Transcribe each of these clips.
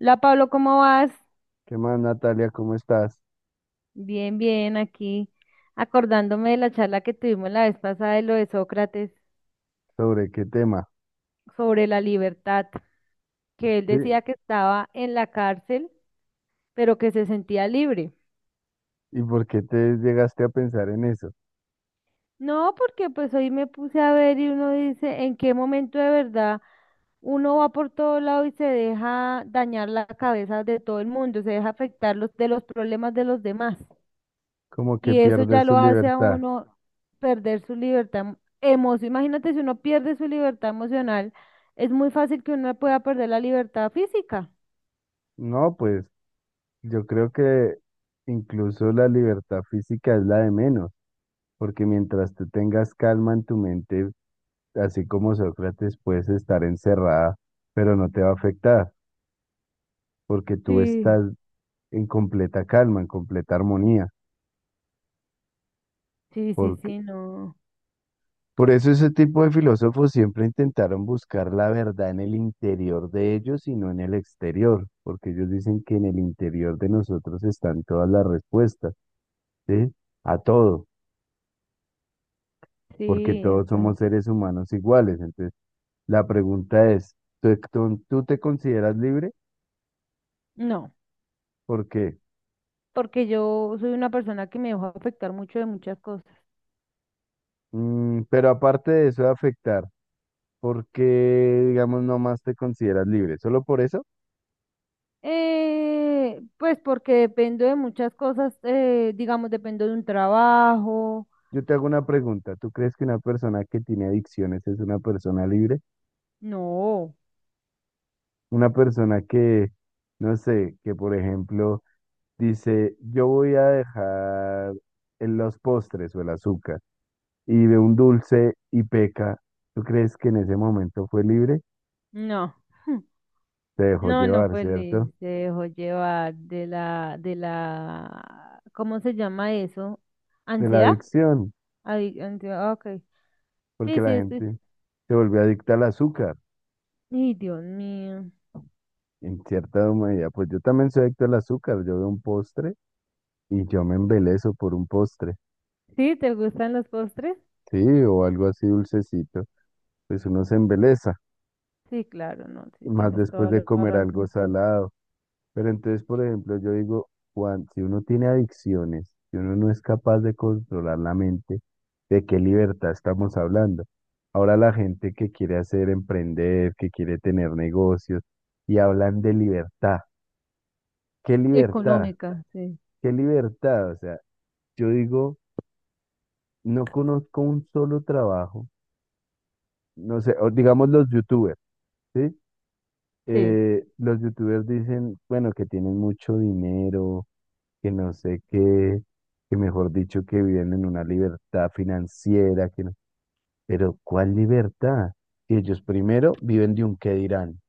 Hola Pablo, ¿cómo vas? ¿Qué más, Natalia? ¿Cómo estás? Bien, bien, aquí acordándome de la charla que tuvimos la vez pasada de lo de Sócrates ¿Sobre qué tema? sobre la libertad, que él Sí. decía que estaba en la cárcel, pero que se sentía libre. ¿Y por qué te llegaste a pensar en eso? No, porque pues hoy me puse a ver y uno dice, ¿en qué momento de verdad uno va por todo lado y se deja dañar la cabeza de todo el mundo, se deja afectar los, de los problemas de los demás? Como que Y eso ya pierdes su lo hace a libertad. uno perder su libertad emocional. Imagínate si uno pierde su libertad emocional, es muy fácil que uno pueda perder la libertad física. No, pues yo creo que incluso la libertad física es la de menos, porque mientras tú tengas calma en tu mente, así como Sócrates, puedes estar encerrada, pero no te va a afectar, porque tú Sí, estás en completa calma, en completa armonía. sí, sí, Porque sí, no. por eso ese tipo de filósofos siempre intentaron buscar la verdad en el interior de ellos y no en el exterior, porque ellos dicen que en el interior de nosotros están todas las respuestas, ¿sí? A todo, porque Sí, todos esa- somos seres humanos iguales. Entonces, la pregunta es, ¿tú te consideras libre? No, ¿Por qué? porque yo soy una persona que me dejo afectar mucho de muchas cosas. Mm, pero aparte de eso de afectar, ¿por qué, digamos, no más te consideras libre? ¿Solo por eso? Pues porque dependo de muchas cosas, digamos, dependo de un trabajo. Yo te hago una pregunta. ¿Tú crees que una persona que tiene adicciones es una persona libre? No, Una persona que, no sé, que por ejemplo dice, yo voy a dejar en los postres o el azúcar y ve un dulce y peca, ¿tú crees que en ese momento fue libre? no. Se dejó No, no llevar, fue ¿cierto? Lil, se dejó llevar de la, ¿cómo se llama eso? De la ¿Ansiedad? adicción, Ay, ansiedad, ok. porque Sí, la sí, sí. gente se volvió adicta al azúcar, Ay, Dios mío. en cierta medida. Pues yo también soy adicto al azúcar, yo veo un postre y yo me embelezo por un postre, ¿Sí? ¿Te gustan los postres? ¿sí? O algo así dulcecito, pues uno se embeleza. Sí, claro, no, sí, Más tienes después toda de la comer algo razón. salado. Pero entonces, por ejemplo, yo digo, Juan, si uno tiene adicciones, si uno no es capaz de controlar la mente, ¿de qué libertad estamos hablando? Ahora la gente que quiere hacer emprender, que quiere tener negocios, y hablan de libertad. ¿Qué libertad? Económica, sí, ¿Qué libertad? O sea, yo digo, no conozco un solo trabajo, no sé, o digamos los youtubers, ¿sí? sí. Los youtubers dicen, bueno, que tienen mucho dinero, que no sé qué, que mejor dicho que viven en una libertad financiera, que no, pero ¿cuál libertad? Si ellos primero viven de un qué dirán.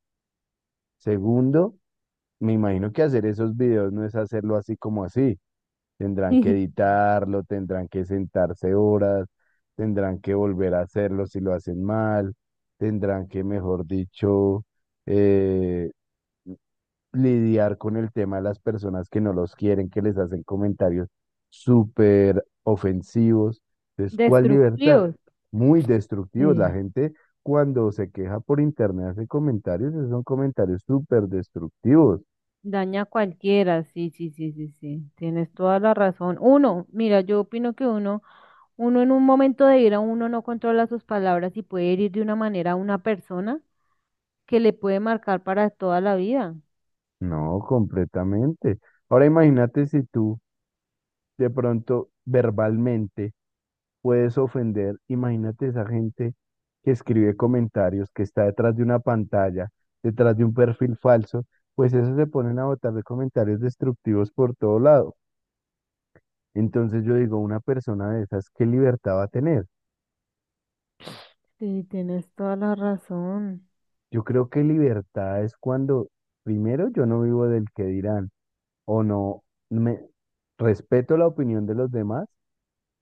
Segundo, me imagino que hacer esos videos no es hacerlo así como así. Tendrán que editarlo, tendrán que sentarse horas, tendrán que volver a hacerlo si lo hacen mal, tendrán que, mejor dicho, eh, lidiar con el tema de las personas que no los quieren, que les hacen comentarios súper ofensivos. Entonces, ¿cuál libertad? Destructivos, Muy destructivos. La sí. gente cuando se queja por internet hace comentarios, esos son comentarios súper destructivos. Daña a cualquiera, sí, sí, sí, sí, sí. Tienes toda la razón. Uno, mira, yo opino que uno en un momento de ira, uno no controla sus palabras y puede herir de una manera a una persona que le puede marcar para toda la vida. No, completamente. Ahora imagínate si tú de pronto verbalmente puedes ofender. Imagínate esa gente que escribe comentarios, que está detrás de una pantalla, detrás de un perfil falso, pues esos se ponen a botar de comentarios destructivos por todo lado. Entonces yo digo, una persona de esas, ¿qué libertad va a tener? Sí, tienes toda la razón. Yo creo que libertad es cuando, primero, yo no vivo del que dirán, o no, me respeto la opinión de los demás,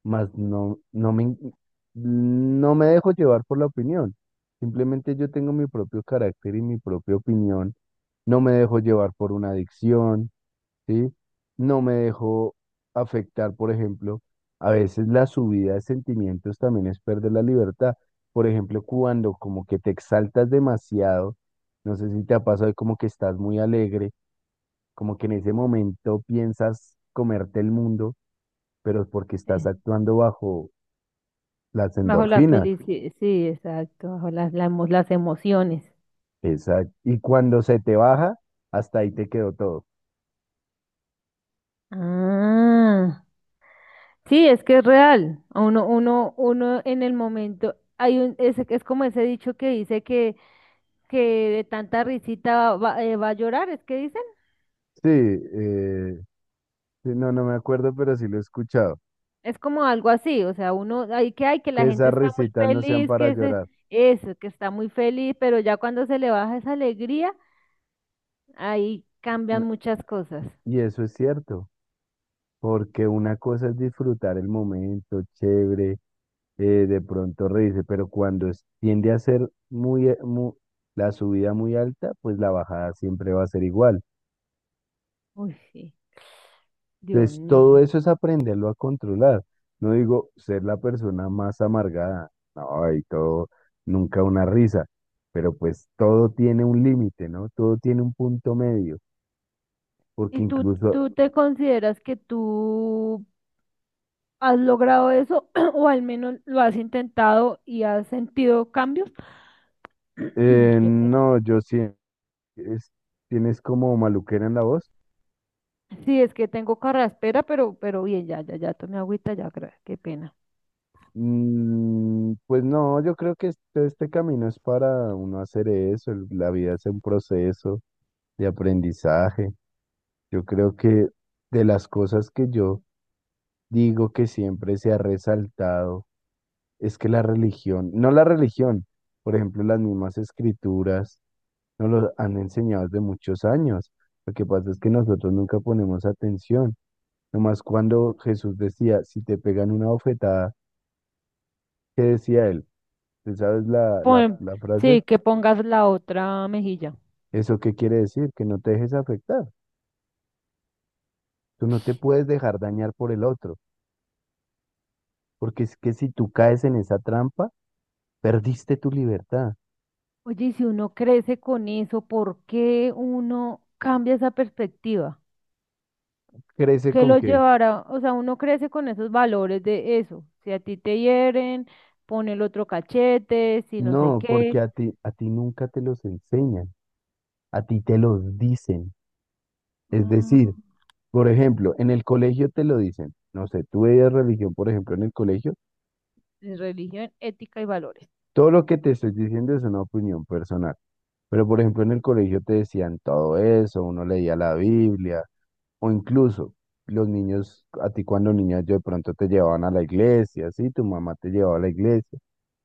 mas no me dejo llevar por la opinión. Simplemente yo tengo mi propio carácter y mi propia opinión. No me dejo llevar por una adicción, ¿sí? No me dejo afectar, por ejemplo, a veces la subida de sentimientos también es perder la libertad. Por ejemplo, cuando como que te exaltas demasiado, no sé si te ha pasado como que estás muy alegre, como que en ese momento piensas comerte el mundo, pero es porque estás Sí. actuando bajo las Bajo la endorfinas, felicidad, sí, exacto, bajo las emociones. exacto. Y cuando se te baja, hasta ahí te quedó todo. Ah, sí, es que es real. Uno en el momento, es como ese dicho que dice que de tanta risita va a llorar, es que Sí, sí, no, no me acuerdo, pero sí lo he escuchado. es como algo así, o sea, uno, ahí que hay que la Que gente esas está muy risitas no sean feliz, para que se, llorar. eso, que está muy feliz, pero ya cuando se le baja esa alegría, ahí cambian No, muchas cosas. y eso es cierto, porque una cosa es disfrutar el momento, chévere, de pronto reírse, pero cuando tiende a ser muy, la subida muy alta, pues la bajada siempre va a ser igual. Uy, sí, Dios Entonces, mío. todo eso es aprenderlo a controlar. No digo ser la persona más amargada, no, y todo, nunca una risa, pero pues todo tiene un límite, ¿no? Todo tiene un punto medio, ¿Y porque tú, incluso, tú te consideras que tú has logrado eso o al menos lo has intentado y has sentido cambios? Qué pena. no, yo sí, es- tienes como maluquera en la voz. Sí, es que tengo carraspera, pero bien, ya, ya, ya tomé agüita, ya, qué pena. Mm, pues no, yo creo que este camino es para uno hacer eso, la vida es un proceso de aprendizaje. Yo creo que de las cosas que yo digo que siempre se ha resaltado es que la religión, no la religión, por ejemplo, las mismas escrituras nos lo han enseñado desde muchos años. Lo que pasa es que nosotros nunca ponemos atención. Nomás cuando Jesús decía, si te pegan una bofetada, ¿qué decía él? ¿Tú sabes la, la, Pon- la frase? sí, que pongas la otra mejilla. ¿Eso qué quiere decir? Que no te dejes afectar. Tú no te puedes dejar dañar por el otro, porque es que si tú caes en esa trampa, perdiste tu libertad. Oye, y si uno crece con eso, ¿por qué uno cambia esa perspectiva? ¿Crece ¿Qué con lo qué? llevará? O sea, uno crece con esos valores de eso. Si a ti te hieren, pone el otro cachete, si no sé No, porque qué. a ti nunca te los enseñan, a ti te los dicen. Es Ah, decir, por ejemplo, en el colegio te lo dicen. No sé, tú veías religión, por ejemplo, en el colegio. en religión, ética y valores. Todo lo que te estoy diciendo es una opinión personal. Pero, por ejemplo, en el colegio te decían todo eso, uno leía la Biblia, o incluso los niños, a ti cuando niños yo de pronto te llevaban a la iglesia, sí, tu mamá te llevaba a la iglesia.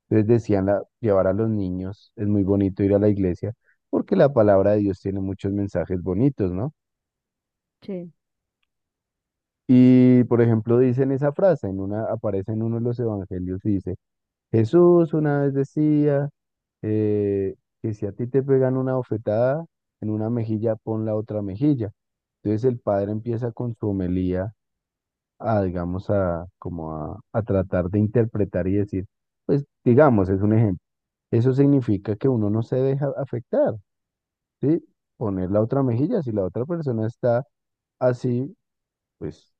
Entonces decían llevar a los niños, es muy bonito ir a la iglesia porque la palabra de Dios tiene muchos mensajes bonitos, ¿no? Sí. Y por ejemplo dicen esa frase, en una, aparece en uno de los evangelios, dice, Jesús una vez decía eh, que si a ti te pegan una bofetada en una mejilla, pon la otra mejilla. Entonces el padre empieza con su homelía a, digamos, a tratar de interpretar y decir, pues digamos, es un ejemplo. Eso significa que uno no se deja afectar. Sí, poner la otra mejilla. Si la otra persona está así, pues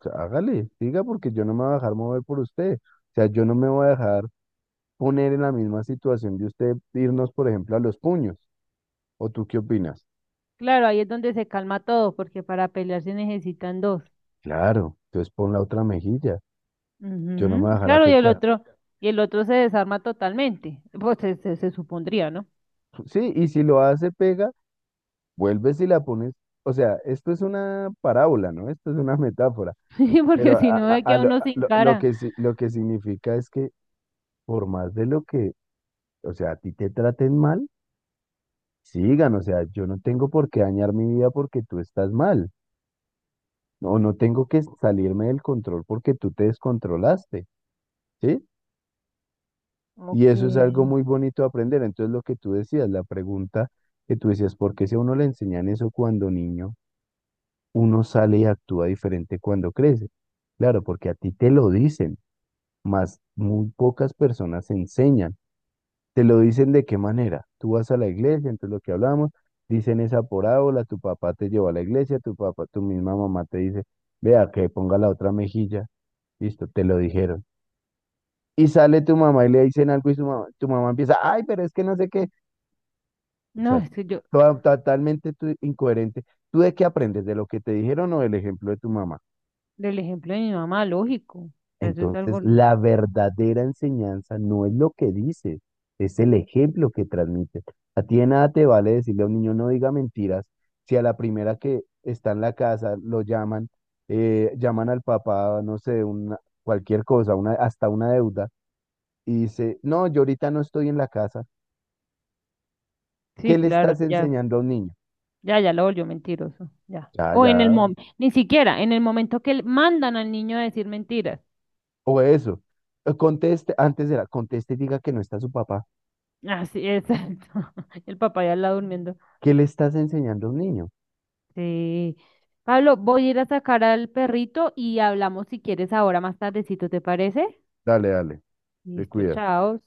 o sea, hágale, diga porque yo no me voy a dejar mover por usted. O sea, yo no me voy a dejar poner en la misma situación de usted irnos, por ejemplo, a los puños. ¿O tú qué opinas? Claro, ahí es donde se calma todo, porque para pelear se necesitan dos. Claro, entonces pon la otra mejilla. Yo no me voy a Ujú, dejar claro, y afectar. otro, y el otro se desarma totalmente. Pues se supondría, ¿no? Sí, y si lo hace, pega, vuelves y la pones. O sea, esto es una parábola, ¿no? Esto es una metáfora. Sí, Pero porque si no, es que a uno a sin lo cara. que, sí- lo que significa es que por más de lo que o sea, a ti te traten mal, sigan, o sea, yo no tengo por qué dañar mi vida porque tú estás mal, o no tengo que salirme del control porque tú te descontrolaste, ¿sí? Y Ok. eso es algo muy bonito de aprender. Entonces, lo que tú decías, la pregunta que tú decías, ¿por qué si a uno le enseñan eso cuando niño, uno sale y actúa diferente cuando crece? Claro, porque a ti te lo dicen, más muy pocas personas enseñan. Te lo dicen de qué manera. Tú vas a la iglesia, entonces lo que hablamos, dicen esa parábola, tu papá te llevó a la iglesia, tu papá, tu misma mamá te dice, vea que ponga la otra mejilla. Listo, te lo dijeron. Y sale tu mamá y le dicen algo y su mamá, tu mamá empieza, ay, pero es que no sé qué. O No, sea, es que yo, totalmente incoherente. ¿Tú de qué aprendes? ¿De lo que te dijeron o del ejemplo de tu mamá? del ejemplo de mi mamá, lógico. Eso es Entonces, algo. la verdadera enseñanza no es lo que dices, es el ejemplo que transmites. A ti de nada te vale decirle a un niño no diga mentiras si a la primera que está en la casa lo llaman, llaman al papá, no sé, una, cualquier cosa, una, hasta una deuda, y dice, no, yo ahorita no estoy en la casa. ¿Qué Sí, le claro, estás enseñando a un niño? Ya lo volvió mentiroso. Ya. Ya, O ya. en el momento, ni siquiera, en el momento mandan al niño a decir mentiras. O eso. Conteste, antes era, conteste y diga que no está su papá. Así es. El papá ya está durmiendo. ¿Qué le estás enseñando a un niño? Sí. Pablo, voy a ir a sacar al perrito y hablamos si quieres ahora más tardecito, ¿te parece? Dale, dale, te Listo, cuidas. chao.